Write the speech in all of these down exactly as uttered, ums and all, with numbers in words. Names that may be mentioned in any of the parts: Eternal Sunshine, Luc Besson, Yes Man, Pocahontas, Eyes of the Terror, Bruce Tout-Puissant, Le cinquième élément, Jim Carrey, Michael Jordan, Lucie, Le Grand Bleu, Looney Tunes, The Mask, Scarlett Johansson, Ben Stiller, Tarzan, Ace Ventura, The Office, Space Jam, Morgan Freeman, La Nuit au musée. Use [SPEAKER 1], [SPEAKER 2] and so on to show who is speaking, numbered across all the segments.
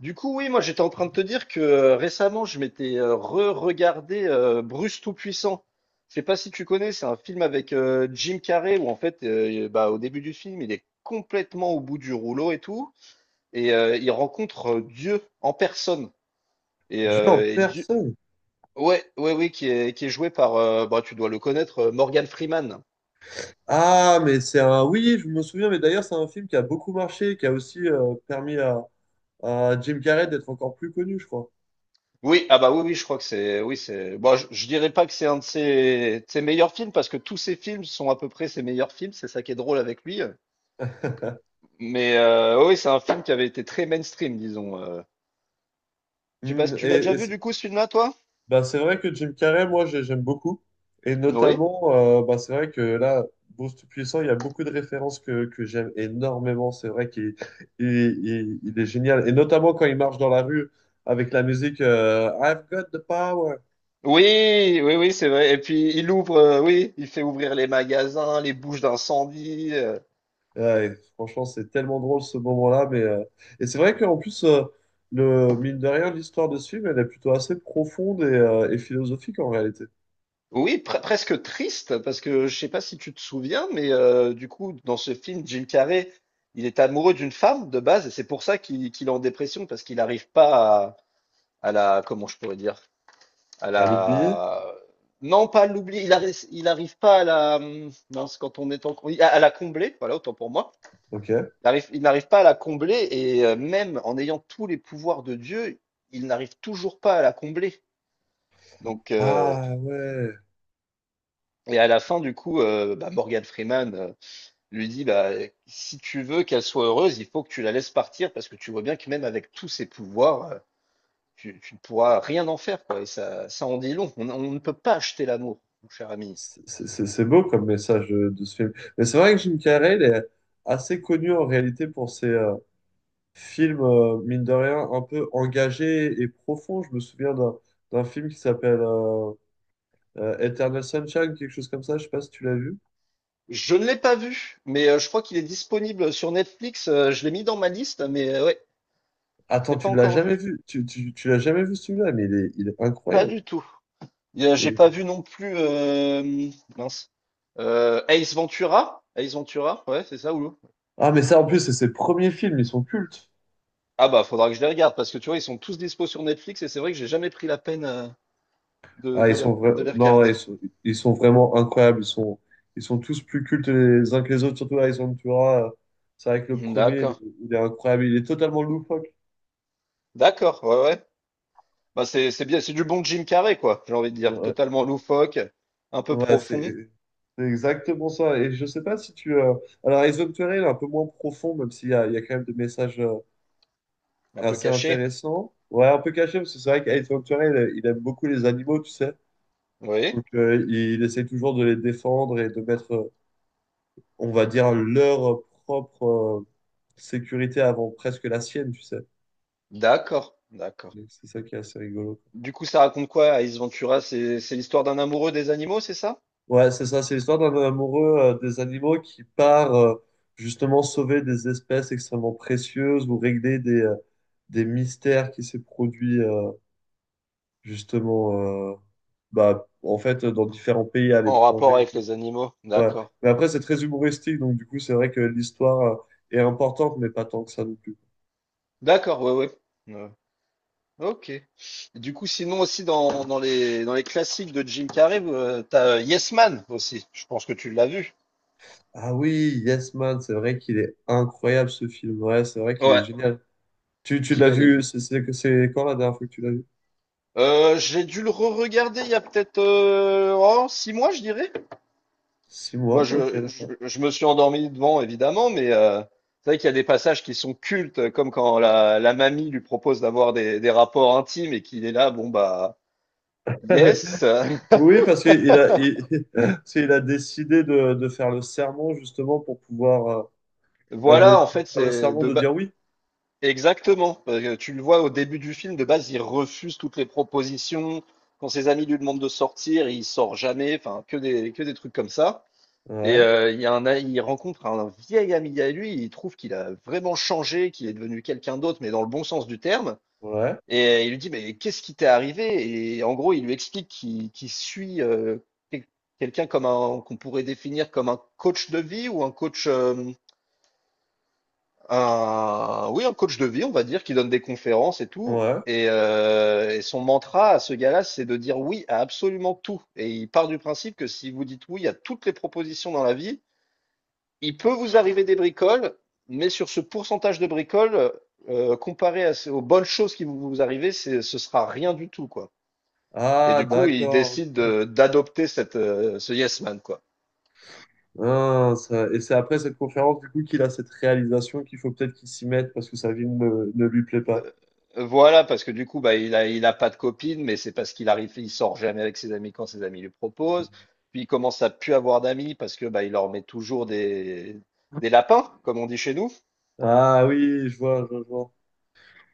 [SPEAKER 1] Du coup, oui, moi j'étais en train de te dire que euh, récemment je m'étais euh, re-regardé euh, Bruce Tout-Puissant. Je sais pas si tu connais, c'est un film avec euh, Jim Carrey où en fait, euh, bah, au début du film, il est complètement au bout du rouleau et tout, et euh, il rencontre euh, Dieu en personne. Et,
[SPEAKER 2] Dieu en
[SPEAKER 1] euh, et Dieu,
[SPEAKER 2] personne.
[SPEAKER 1] ouais, ouais, oui, qui est qui est joué par, euh, bah, tu dois le connaître, euh, Morgan Freeman.
[SPEAKER 2] Ah, mais c'est un. Oui, je me souviens, mais d'ailleurs, c'est un film qui a beaucoup marché, qui a aussi euh, permis à, à Jim Carrey d'être encore plus connu, je crois.
[SPEAKER 1] Oui, ah bah oui, oui, je crois que c'est, oui, c'est, bon, je, je dirais pas que c'est un de ses, de ses meilleurs films parce que tous ses films sont à peu près ses meilleurs films, c'est ça qui est drôle avec lui. euh. Mais euh, oh oui, c'est un film qui avait été très mainstream, disons. euh. Je sais pas, si
[SPEAKER 2] Hmm,
[SPEAKER 1] tu l'as
[SPEAKER 2] et
[SPEAKER 1] déjà
[SPEAKER 2] et
[SPEAKER 1] vu
[SPEAKER 2] c'est,
[SPEAKER 1] du coup ce film-là, toi?
[SPEAKER 2] bah, c'est vrai que Jim Carrey, moi, j'ai- j'aime beaucoup. Et
[SPEAKER 1] Oui.
[SPEAKER 2] notamment, euh, bah, c'est vrai que là, Bruce Tout-Puissant, il y a beaucoup de références que, que j'aime énormément. C'est vrai qu'il il, il- il est génial. Et notamment quand il marche dans la rue avec la musique, euh, I've got the power.
[SPEAKER 1] Oui, oui, oui, c'est vrai. Et puis il ouvre, euh, oui, il fait ouvrir les magasins, les bouches d'incendie. euh.
[SPEAKER 2] Ouais, et franchement, c'est tellement drôle ce moment-là. Mais, euh, et c'est vrai qu'en plus, euh, le... mine de rien, l'histoire de ce film, elle est plutôt assez profonde et, euh, et philosophique en réalité.
[SPEAKER 1] Oui, pre- presque triste, parce que je sais pas si tu te souviens, mais euh, du coup, dans ce film, Jim Carrey, il est amoureux d'une femme de base, et c'est pour ça qu'il qu'il est en dépression, parce qu'il n'arrive pas à, à la, comment je pourrais dire? À
[SPEAKER 2] À l'oublier?
[SPEAKER 1] la. Non, pas l'oublier. Il arrive, il arrive pas à la. Non, c'est quand on est en. Oui, À à la combler, voilà, autant pour moi.
[SPEAKER 2] Ok.
[SPEAKER 1] Il arrive- il n'arrive pas à la combler et euh, même en ayant tous les pouvoirs de Dieu, il n'arrive toujours pas à la combler. Donc, euh,
[SPEAKER 2] Ah ouais.
[SPEAKER 1] et à la fin, du coup, euh, bah, Morgan Freeman euh, lui dit, bah, si tu veux qu'elle soit heureuse, il faut que tu la laisses partir parce que tu vois bien que même avec tous ses pouvoirs, euh, tu, tu ne pourras rien en faire, quoi. Et ça, ça en dit long. On, on ne peut pas acheter l'amour, mon cher ami.
[SPEAKER 2] C'est c'est- c'est beau comme message de, de ce film. Mais c'est vrai que Jim Carrey, il est assez connu en réalité pour ses euh, films, euh, mine de rien, un peu engagés et profonds. Je me souviens d'un d'un film qui s'appelle euh, euh, Eternal Sunshine, quelque chose comme ça. Je sais pas si tu l'as vu.
[SPEAKER 1] Je ne l'ai pas vu, mais euh, je crois qu'il est disponible sur Netflix. Euh, je l'ai mis dans ma liste, mais euh, ouais, je
[SPEAKER 2] Attends,
[SPEAKER 1] l'ai pas
[SPEAKER 2] tu l'as
[SPEAKER 1] encore
[SPEAKER 2] jamais
[SPEAKER 1] vu.
[SPEAKER 2] vu. Tu, tu, tu l'as jamais vu celui-là, mais il est, il est
[SPEAKER 1] Pas
[SPEAKER 2] incroyable.
[SPEAKER 1] du tout. Et, euh,
[SPEAKER 2] Il-
[SPEAKER 1] J'ai
[SPEAKER 2] est-
[SPEAKER 1] pas vu non plus euh, mince. Euh, Ace Ventura. Ace Ventura, ouais, c'est ça, Oulou.
[SPEAKER 2] Ah, mais ça, en plus, c'est ses premiers films, ils sont cultes.
[SPEAKER 1] Ah bah faudra que je les regarde parce que tu vois, ils sont tous dispo sur Netflix et c'est vrai que j'ai jamais pris la peine euh, de,
[SPEAKER 2] Ah, ils
[SPEAKER 1] de les,
[SPEAKER 2] sont
[SPEAKER 1] de
[SPEAKER 2] vra-
[SPEAKER 1] les
[SPEAKER 2] non,
[SPEAKER 1] regarder.
[SPEAKER 2] ils sont, ils sont vraiment incroyables. Ils sont, ils sont tous plus cultes les uns que les autres, surtout là, ils sont, tu vois, euh, c'est vrai que le premier, il est,
[SPEAKER 1] D'accord.
[SPEAKER 2] il est incroyable. Il est totalement loufoque.
[SPEAKER 1] D'accord, ouais, ouais. Bah c'est c'est bien, c'est du bon Jim Carrey, quoi, j'ai envie de dire.
[SPEAKER 2] Ouais,
[SPEAKER 1] Totalement loufoque, un peu
[SPEAKER 2] ouais,
[SPEAKER 1] profond,
[SPEAKER 2] c'est c'est exactement ça. Et je sais pas si tu. euh, Alors, Eyes of the Terror, il est un peu moins profond, même s'il y a, il y a quand même des messages. Euh,
[SPEAKER 1] un
[SPEAKER 2] Alors,
[SPEAKER 1] peu
[SPEAKER 2] c'est
[SPEAKER 1] caché.
[SPEAKER 2] intéressant. Ouais, un peu caché, parce que c'est vrai qu'Ace Ventura, il, il aime beaucoup les animaux, tu sais.
[SPEAKER 1] Oui.
[SPEAKER 2] Donc, euh, il essaie toujours de les défendre et de mettre, euh, on va dire, leur propre euh, sécurité avant presque la sienne, tu sais.
[SPEAKER 1] D'accord, d'accord.
[SPEAKER 2] Donc, c'est ça qui est assez rigolo.
[SPEAKER 1] Du coup, ça raconte quoi, Ace Ventura? C'est c'est l'histoire d'un amoureux des animaux, c'est ça?
[SPEAKER 2] Ouais, c'est ça, c'est l'histoire d'un amoureux euh, des animaux qui part euh, justement sauver des espèces extrêmement précieuses ou régler des, euh, des mystères qui s'est produit euh, justement, euh, bah, en fait dans différents pays à
[SPEAKER 1] En
[SPEAKER 2] l'étranger.
[SPEAKER 1] rapport avec les animaux,
[SPEAKER 2] Ouais.
[SPEAKER 1] d'accord.
[SPEAKER 2] Mais après, c'est très humoristique, donc du coup, c'est vrai que l'histoire, euh, est importante, mais pas tant que ça non plus.
[SPEAKER 1] D'accord, ouais, ouais. Ouais. Ok. Du coup, sinon aussi dans, dans les dans les classiques de Jim Carrey, euh, t'as euh, Yes Man aussi. Je pense que tu l'as vu.
[SPEAKER 2] Ah oui, Yes Man, c'est vrai qu'il est incroyable ce film. Ouais, c'est vrai qu'il est
[SPEAKER 1] Ouais,
[SPEAKER 2] génial. Tu, tu l'as
[SPEAKER 1] celui-là il est.
[SPEAKER 2] vu, c'est c'est- c'est quand la dernière fois que tu l'as vu?
[SPEAKER 1] Euh, j'ai dû le re-regarder il y a peut-être euh, oh, six mois, je dirais.
[SPEAKER 2] Six
[SPEAKER 1] Moi,
[SPEAKER 2] mois? Ok,
[SPEAKER 1] je, je,
[SPEAKER 2] d'accord.
[SPEAKER 1] je me suis endormi devant, évidemment, mais euh, c'est vrai qu'il y a des passages qui sont cultes, comme quand la, la mamie lui propose d'avoir des, des rapports intimes et qu'il est là, bon bah, yes.
[SPEAKER 2] Oui, parce qu'il a, il, parce qu'il a décidé de, de faire le serment justement pour pouvoir euh, euh, de,
[SPEAKER 1] Voilà,
[SPEAKER 2] de
[SPEAKER 1] en fait,
[SPEAKER 2] faire le
[SPEAKER 1] c'est
[SPEAKER 2] serment
[SPEAKER 1] de
[SPEAKER 2] de
[SPEAKER 1] ba-
[SPEAKER 2] dire oui.
[SPEAKER 1] Exactement, parce que tu le vois au début du film, de base, il refuse toutes les propositions. Quand ses amis lui demandent de sortir, il sort jamais. Enfin, que des, que des trucs comme ça. Et
[SPEAKER 2] Ouais,
[SPEAKER 1] euh, il y a un, a- il rencontre un vieil ami à lui. Il trouve qu'il a vraiment changé, qu'il est devenu quelqu'un d'autre, mais dans le bon sens du terme.
[SPEAKER 2] ouais,
[SPEAKER 1] Et euh, il lui dit, mais qu'est-ce qui t'est arrivé? Et en gros, il lui explique qu'il qu'il suit euh, quel- quelqu'un comme un qu'on pourrait définir comme un coach de vie ou un coach, euh, un, oui, un coach de vie, on va dire, qui donne des conférences et tout.
[SPEAKER 2] ouais.
[SPEAKER 1] Et, euh, et son mantra à ce gars-là, c'est de dire oui à absolument tout. Et il part du principe que si vous dites oui à toutes les propositions dans la vie, il peut vous arriver des bricoles, mais sur ce pourcentage de bricoles, euh, comparé à, ce- aux bonnes choses qui vous, vous arrivent c'est- ce sera rien du tout, quoi. Et
[SPEAKER 2] Ah,
[SPEAKER 1] du coup, il
[SPEAKER 2] d'accord.
[SPEAKER 1] décide de- d'adopter cette euh, ce yes man quoi.
[SPEAKER 2] Ah, ça- et c'est après cette conférence du coup qu'il a cette réalisation qu'il faut peut-être qu'il s'y mette parce que sa vie ne, ne lui plaît pas.
[SPEAKER 1] Euh, euh, voilà, parce que du coup, bah, il a il a pas de copine, mais c'est parce qu'il arrive, il sort jamais avec ses amis quand ses amis lui proposent. Puis il commence à plus avoir d'amis parce que bah, il leur met toujours des des lapins, comme on dit chez nous.
[SPEAKER 2] Ah oui, je vois, je vois. je vois.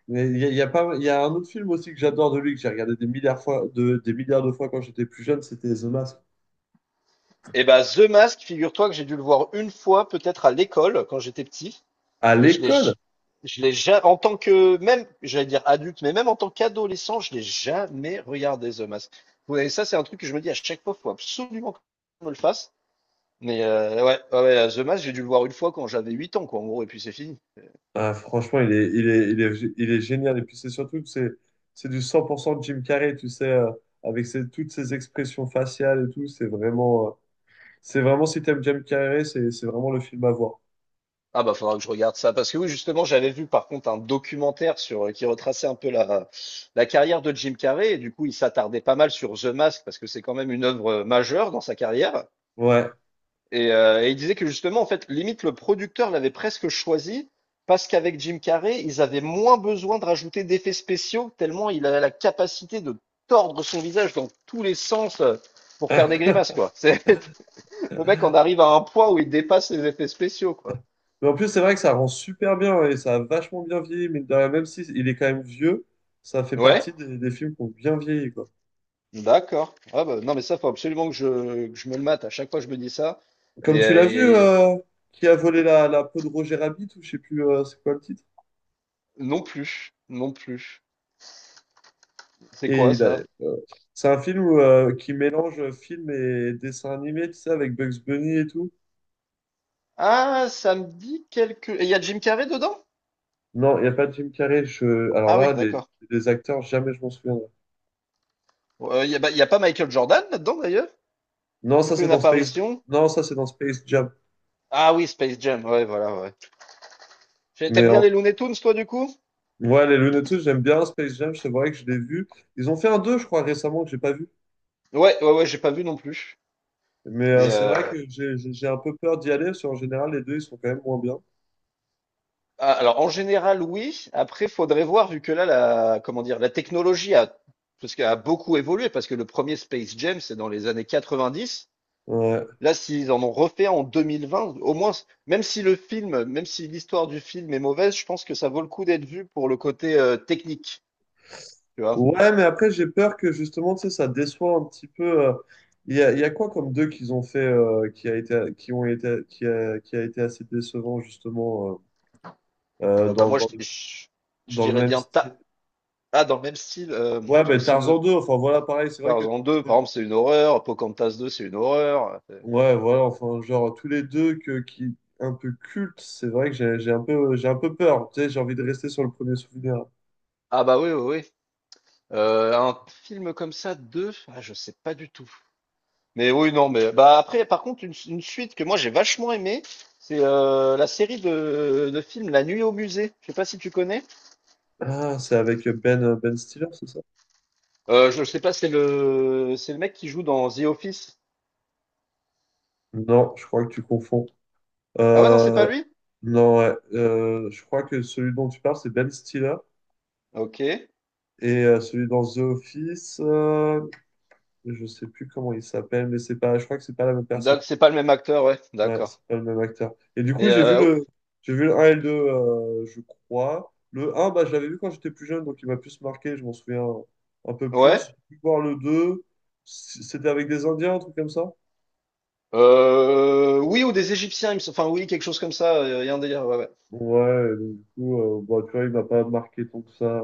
[SPEAKER 2] Mais il y a, il y a pas, il y a un autre film aussi que j'adore de lui que j'ai regardé des milliards fois, de, des milliards de fois quand j'étais plus jeune, c'était The Mask.
[SPEAKER 1] Et bah The Mask, figure-toi que j'ai dû le voir une fois, peut-être à l'école quand j'étais petit.
[SPEAKER 2] À
[SPEAKER 1] Et je l'ai,
[SPEAKER 2] l'école,
[SPEAKER 1] j- je l'ai jamais, en tant que, même, j'allais dire adulte, mais même en tant qu'adolescent, je l'ai jamais regardé The Mask. Ouais, et ça, c'est un truc que je me dis à chaque fois, faut absolument qu'on me le fasse. Mais euh, ouais, ouais, ouais, The Mask, j'ai dû le voir une fois quand j'avais huit ans, quoi, en gros, et puis c'est fini.
[SPEAKER 2] ah, franchement, il est, il est, il est, il est génial. Et puis c'est surtout que c'est, c'est du cent pour cent Jim Carrey, tu sais, euh, avec ses- toutes ses expressions faciales et tout. C'est vraiment, euh, c'est vraiment si t'aimes Jim Carrey, c'est, c'est vraiment le film à voir.
[SPEAKER 1] Ah bah faudra que je regarde ça parce que oui justement j'avais vu par contre un documentaire sur euh, qui retraçait un peu la, la carrière de Jim Carrey et du coup il s'attardait pas mal sur The Mask parce que c'est quand même une œuvre majeure dans sa carrière.
[SPEAKER 2] Ouais.
[SPEAKER 1] Et, euh, et il disait que justement, en fait, limite, le producteur l'avait presque choisi parce qu'avec Jim Carrey, ils avaient moins besoin de rajouter d'effets spéciaux, tellement il avait la capacité de tordre son visage dans tous les sens euh, pour faire des grimaces, quoi. C'est, le mec en arrive à un point où il dépasse les effets spéciaux, quoi.
[SPEAKER 2] Mais en plus, c'est vrai que ça rend super bien et ça a vachement bien vieilli, mais même si il est quand même vieux, ça fait partie
[SPEAKER 1] Ouais,
[SPEAKER 2] des, des films qui ont bien vieilli, quoi.
[SPEAKER 1] d'accord. Ah bah, non, mais ça, faut absolument que je, que je, me le mate. À chaque fois, je me dis ça.
[SPEAKER 2] Comme
[SPEAKER 1] Mais
[SPEAKER 2] tu
[SPEAKER 1] euh,
[SPEAKER 2] l'as vu,
[SPEAKER 1] et-
[SPEAKER 2] euh, qui a volé la, la peau de Roger Rabbit, ou je sais plus, euh, c'est quoi le titre.
[SPEAKER 1] non plus, non plus. C'est
[SPEAKER 2] Et
[SPEAKER 1] quoi
[SPEAKER 2] il
[SPEAKER 1] ça?
[SPEAKER 2] a- euh, c'est un film où, euh, qui mélange film et dessin animé, tu sais, avec Bugs Bunny et tout.
[SPEAKER 1] Ah, ça me dit quelque... Et il y a Jim Carrey dedans?
[SPEAKER 2] Non, il n'y a pas de Jim Carrey. Je... Alors
[SPEAKER 1] Ah oui,
[SPEAKER 2] là, les,
[SPEAKER 1] d'accord.
[SPEAKER 2] les acteurs, jamais je m'en souviendrai.
[SPEAKER 1] Il n'y a, bah, y a pas Michael Jordan là-dedans d'ailleurs?
[SPEAKER 2] Non,
[SPEAKER 1] Il
[SPEAKER 2] ça
[SPEAKER 1] fait
[SPEAKER 2] c'est
[SPEAKER 1] une
[SPEAKER 2] dans Space.
[SPEAKER 1] apparition?
[SPEAKER 2] Non, ça c'est dans Space Jam.
[SPEAKER 1] Ah oui, Space Jam, ouais, voilà, ouais. J'ai- T'aimes bien
[SPEAKER 2] Mais
[SPEAKER 1] les Looney Tunes, toi, du coup?
[SPEAKER 2] ouais, les Looney Tunes, j'aime bien Space Jam, c'est vrai que je l'ai vu. Ils ont fait un deux je crois, récemment, que j'ai pas vu.
[SPEAKER 1] Ouais, ouais, ouais, j'ai pas vu non plus.
[SPEAKER 2] Mais euh,
[SPEAKER 1] Mais
[SPEAKER 2] c'est
[SPEAKER 1] euh,
[SPEAKER 2] vrai que j'ai j'ai- j'ai un peu peur d'y aller, parce qu'en général, les deux, ils sont quand même moins bien.
[SPEAKER 1] ah, alors, en général, oui. Après, faudrait voir, vu que là, la, comment dire, la technologie a, parce qu'elle a beaucoup évolué, parce que le premier Space Jam, c'est dans les années quatre-vingt-dix.
[SPEAKER 2] Ouais,
[SPEAKER 1] Là, s'ils en ont refait en deux mille vingt, au moins, même si le film, même si l'histoire du film est mauvaise, je pense que ça vaut le coup d'être vu pour le côté euh, technique, tu vois.
[SPEAKER 2] ouais, mais après, j'ai peur que justement, tu sais, ça déçoit un petit peu. euh, Il y a, il y a quoi comme deux qu'ils ont fait, euh, qui a été, qui ont été, qui a, qui a été assez décevant, justement, euh, euh,
[SPEAKER 1] Euh, bah,
[SPEAKER 2] dans,
[SPEAKER 1] moi, je,
[SPEAKER 2] dans,
[SPEAKER 1] je- je
[SPEAKER 2] dans le
[SPEAKER 1] dirais
[SPEAKER 2] même
[SPEAKER 1] bien
[SPEAKER 2] style?
[SPEAKER 1] ta... Ah, dans le même style, euh, parce
[SPEAKER 2] Ouais,
[SPEAKER 1] que
[SPEAKER 2] ben
[SPEAKER 1] sinon,
[SPEAKER 2] Tarzan deux, enfin voilà, pareil, c'est vrai que.
[SPEAKER 1] Tarzan deux par exemple, c'est une horreur, Pocahontas deux c'est une horreur. euh,
[SPEAKER 2] Ouais, voilà, enfin, genre, tous les deux que, qui, un peu cultes, c'est vrai que j'ai j'ai un peu, j'ai un peu peur. Tu sais, j'ai envie de rester sur le premier souvenir.
[SPEAKER 1] Ah bah oui, oui, oui. Euh, un film comme ça, deux ah, je sais pas du tout. Mais oui, non, mais bah après, par contre, une, une suite que moi j'ai vachement aimée, c'est euh, la série de, de films La Nuit au musée. Je sais pas si tu connais.
[SPEAKER 2] Ah, c'est avec Ben, euh, Ben Stiller, c'est ça?
[SPEAKER 1] Euh, je sais pas, c'est le c'est le mec qui joue dans The Office.
[SPEAKER 2] Non, je crois que tu confonds.
[SPEAKER 1] Ah ouais, non, c'est pas
[SPEAKER 2] Euh,
[SPEAKER 1] lui?
[SPEAKER 2] non, ouais, euh, je crois que celui dont tu parles, c'est Ben Stiller.
[SPEAKER 1] Ok.
[SPEAKER 2] Et euh, celui dans The Office, euh, je sais plus comment il s'appelle, mais c'est pas, je crois que c'est pas la même personne.
[SPEAKER 1] D'ac- C'est pas le même acteur, ouais,
[SPEAKER 2] Ouais, c'est
[SPEAKER 1] d'accord.
[SPEAKER 2] pas le même acteur. Et du coup,
[SPEAKER 1] Mais
[SPEAKER 2] j'ai vu
[SPEAKER 1] euh,
[SPEAKER 2] le, j'ai vu le un et le deux, euh, je crois. Le un, bah, je l'avais vu quand j'étais plus jeune, donc il m'a plus marqué, je m'en souviens un peu plus.
[SPEAKER 1] ouais.
[SPEAKER 2] J'ai pu voir le deux, c- c'était avec des Indiens, un truc comme ça.
[SPEAKER 1] Euh, oui, ou des Égyptiens, il me sem- enfin oui, quelque chose comme ça, euh, il y a un délire, ouais, ouais.
[SPEAKER 2] Ouais, et donc, du coup, euh, bah, tu vois, il m'a pas marqué tant que ça.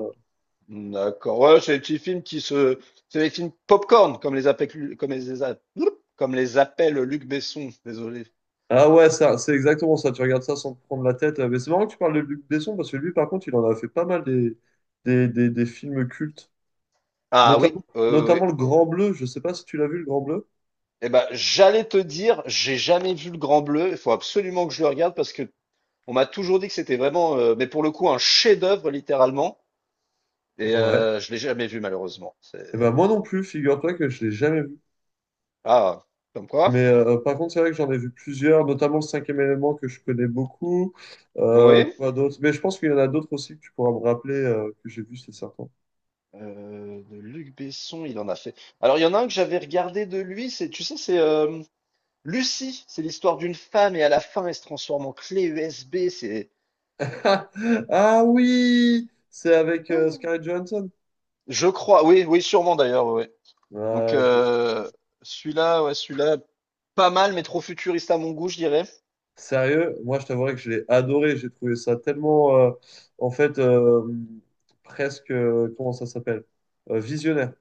[SPEAKER 1] D'accord, ouais, c'est les petits films qui se... C'est les films popcorn, comme les appelle, Lu- comme les, a- comme les appelle Luc Besson, désolé.
[SPEAKER 2] Ah ouais, ça, c'est exactement ça, tu regardes ça sans te prendre la tête. Mais c'est marrant que tu parles de Luc Besson, parce que lui, par contre, il en a fait pas mal des, des, des, des films cultes.
[SPEAKER 1] Ah oui,
[SPEAKER 2] Notamment,
[SPEAKER 1] euh, oui. Oui.
[SPEAKER 2] notamment Le Grand Bleu, je sais pas si tu l'as vu, Le Grand Bleu.
[SPEAKER 1] Eh ben, j'allais te dire, j'ai jamais vu Le Grand Bleu, il faut absolument que je le regarde parce que on m'a toujours dit que c'était vraiment, euh, mais pour le coup, un chef-d'œuvre, littéralement, et
[SPEAKER 2] Ouais.
[SPEAKER 1] euh, je l'ai jamais vu, malheureusement.
[SPEAKER 2] Et ben
[SPEAKER 1] C'est...
[SPEAKER 2] moi non plus, figure-toi que je l'ai jamais vu.
[SPEAKER 1] Ah, comme
[SPEAKER 2] Mais
[SPEAKER 1] quoi?
[SPEAKER 2] euh, euh, par contre, c'est vrai que j'en ai vu plusieurs, notamment le cinquième élément que je connais beaucoup. Euh,
[SPEAKER 1] Oui.
[SPEAKER 2] quoi d'autre? Mais je pense qu'il y en a d'autres aussi que tu pourras me rappeler, euh, que j'ai vu, c'est certain.
[SPEAKER 1] Euh, de Luc Besson, il en a fait. Alors, il y en a un que j'avais regardé de lui, c'est, tu sais, c'est euh, Lucie. C'est l'histoire d'une femme et à la fin, elle se transforme en clé U S B. C'est,
[SPEAKER 2] Ah oui! C'est avec euh, Scarlett Johansson.
[SPEAKER 1] je crois, oui, oui, sûrement d'ailleurs, ouais. Ouais. Donc,
[SPEAKER 2] Ouais, je me suis-
[SPEAKER 1] euh, celui-là, ouais, celui-là, pas mal, mais trop futuriste à mon goût, je dirais.
[SPEAKER 2] sérieux, moi je t'avouerais que je l'ai adoré. J'ai trouvé ça tellement, euh, en fait, euh, presque, euh, comment ça s'appelle? Euh, visionnaire.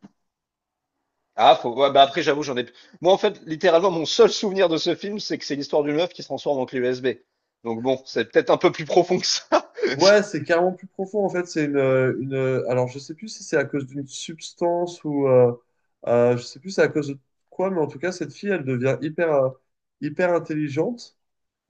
[SPEAKER 1] Ah, faut, ouais, bah après, j'avoue, j'en ai. Moi, en fait, littéralement, mon seul souvenir de ce film, c'est que c'est l'histoire d'une meuf qui se transforme en clé U S B. Donc, bon, c'est peut-être un peu plus profond que ça.
[SPEAKER 2] Ouais, c'est carrément plus profond. En fait, c'est une, euh, une. Euh, Alors, je sais plus si c'est à cause d'une substance ou. Euh, euh, je sais plus c'est à cause de quoi, mais en tout cas, cette fille, elle devient hyper, euh, hyper intelligente.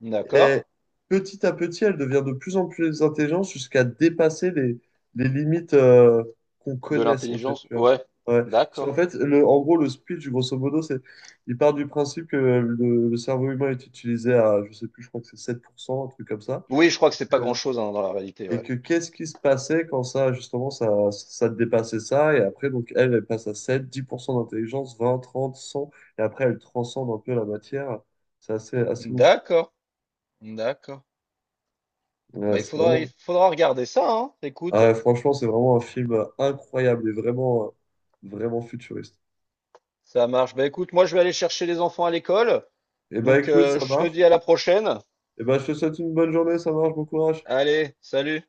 [SPEAKER 2] Et
[SPEAKER 1] D'accord.
[SPEAKER 2] petit à petit, elle devient de plus en plus intelligente jusqu'à dépasser les, les limites, euh, qu'on
[SPEAKER 1] De
[SPEAKER 2] connaisse, en fait.
[SPEAKER 1] l'intelligence,
[SPEAKER 2] Tu vois.
[SPEAKER 1] ouais.
[SPEAKER 2] Ouais. Parce qu'en
[SPEAKER 1] D'accord.
[SPEAKER 2] fait, le, en gros, le speech, grosso modo, c'est. Il part du principe que le, le cerveau humain est utilisé à, je sais plus, je crois que c'est sept pour cent, un truc comme ça.
[SPEAKER 1] Oui, je crois que c'est pas
[SPEAKER 2] Euh,
[SPEAKER 1] grand-chose hein, dans la réalité,
[SPEAKER 2] et
[SPEAKER 1] ouais.
[SPEAKER 2] que qu'est-ce qui se passait quand ça, justement, ça, ça dépassait ça, et après, donc, elle, elle passe à sept dix pour cent d'intelligence, vingt trente cent et après, elle transcende un peu la matière. C'est assez, assez ouf.
[SPEAKER 1] D'accord, d'accord.
[SPEAKER 2] Ouais,
[SPEAKER 1] Bah, il
[SPEAKER 2] c'est
[SPEAKER 1] faudra, il
[SPEAKER 2] vraiment,
[SPEAKER 1] faudra regarder ça, hein. Écoute,
[SPEAKER 2] ah ouais, franchement, c'est vraiment un film, euh, incroyable et vraiment, euh, vraiment futuriste.
[SPEAKER 1] ça marche. Bah, écoute, moi, je vais aller chercher les enfants à l'école.
[SPEAKER 2] Et bah,
[SPEAKER 1] Donc,
[SPEAKER 2] écoute,
[SPEAKER 1] euh,
[SPEAKER 2] ça
[SPEAKER 1] je te
[SPEAKER 2] marche.
[SPEAKER 1] dis à la prochaine.
[SPEAKER 2] Et bah, je te souhaite une bonne journée, ça marche, bon courage.
[SPEAKER 1] Allez, salut.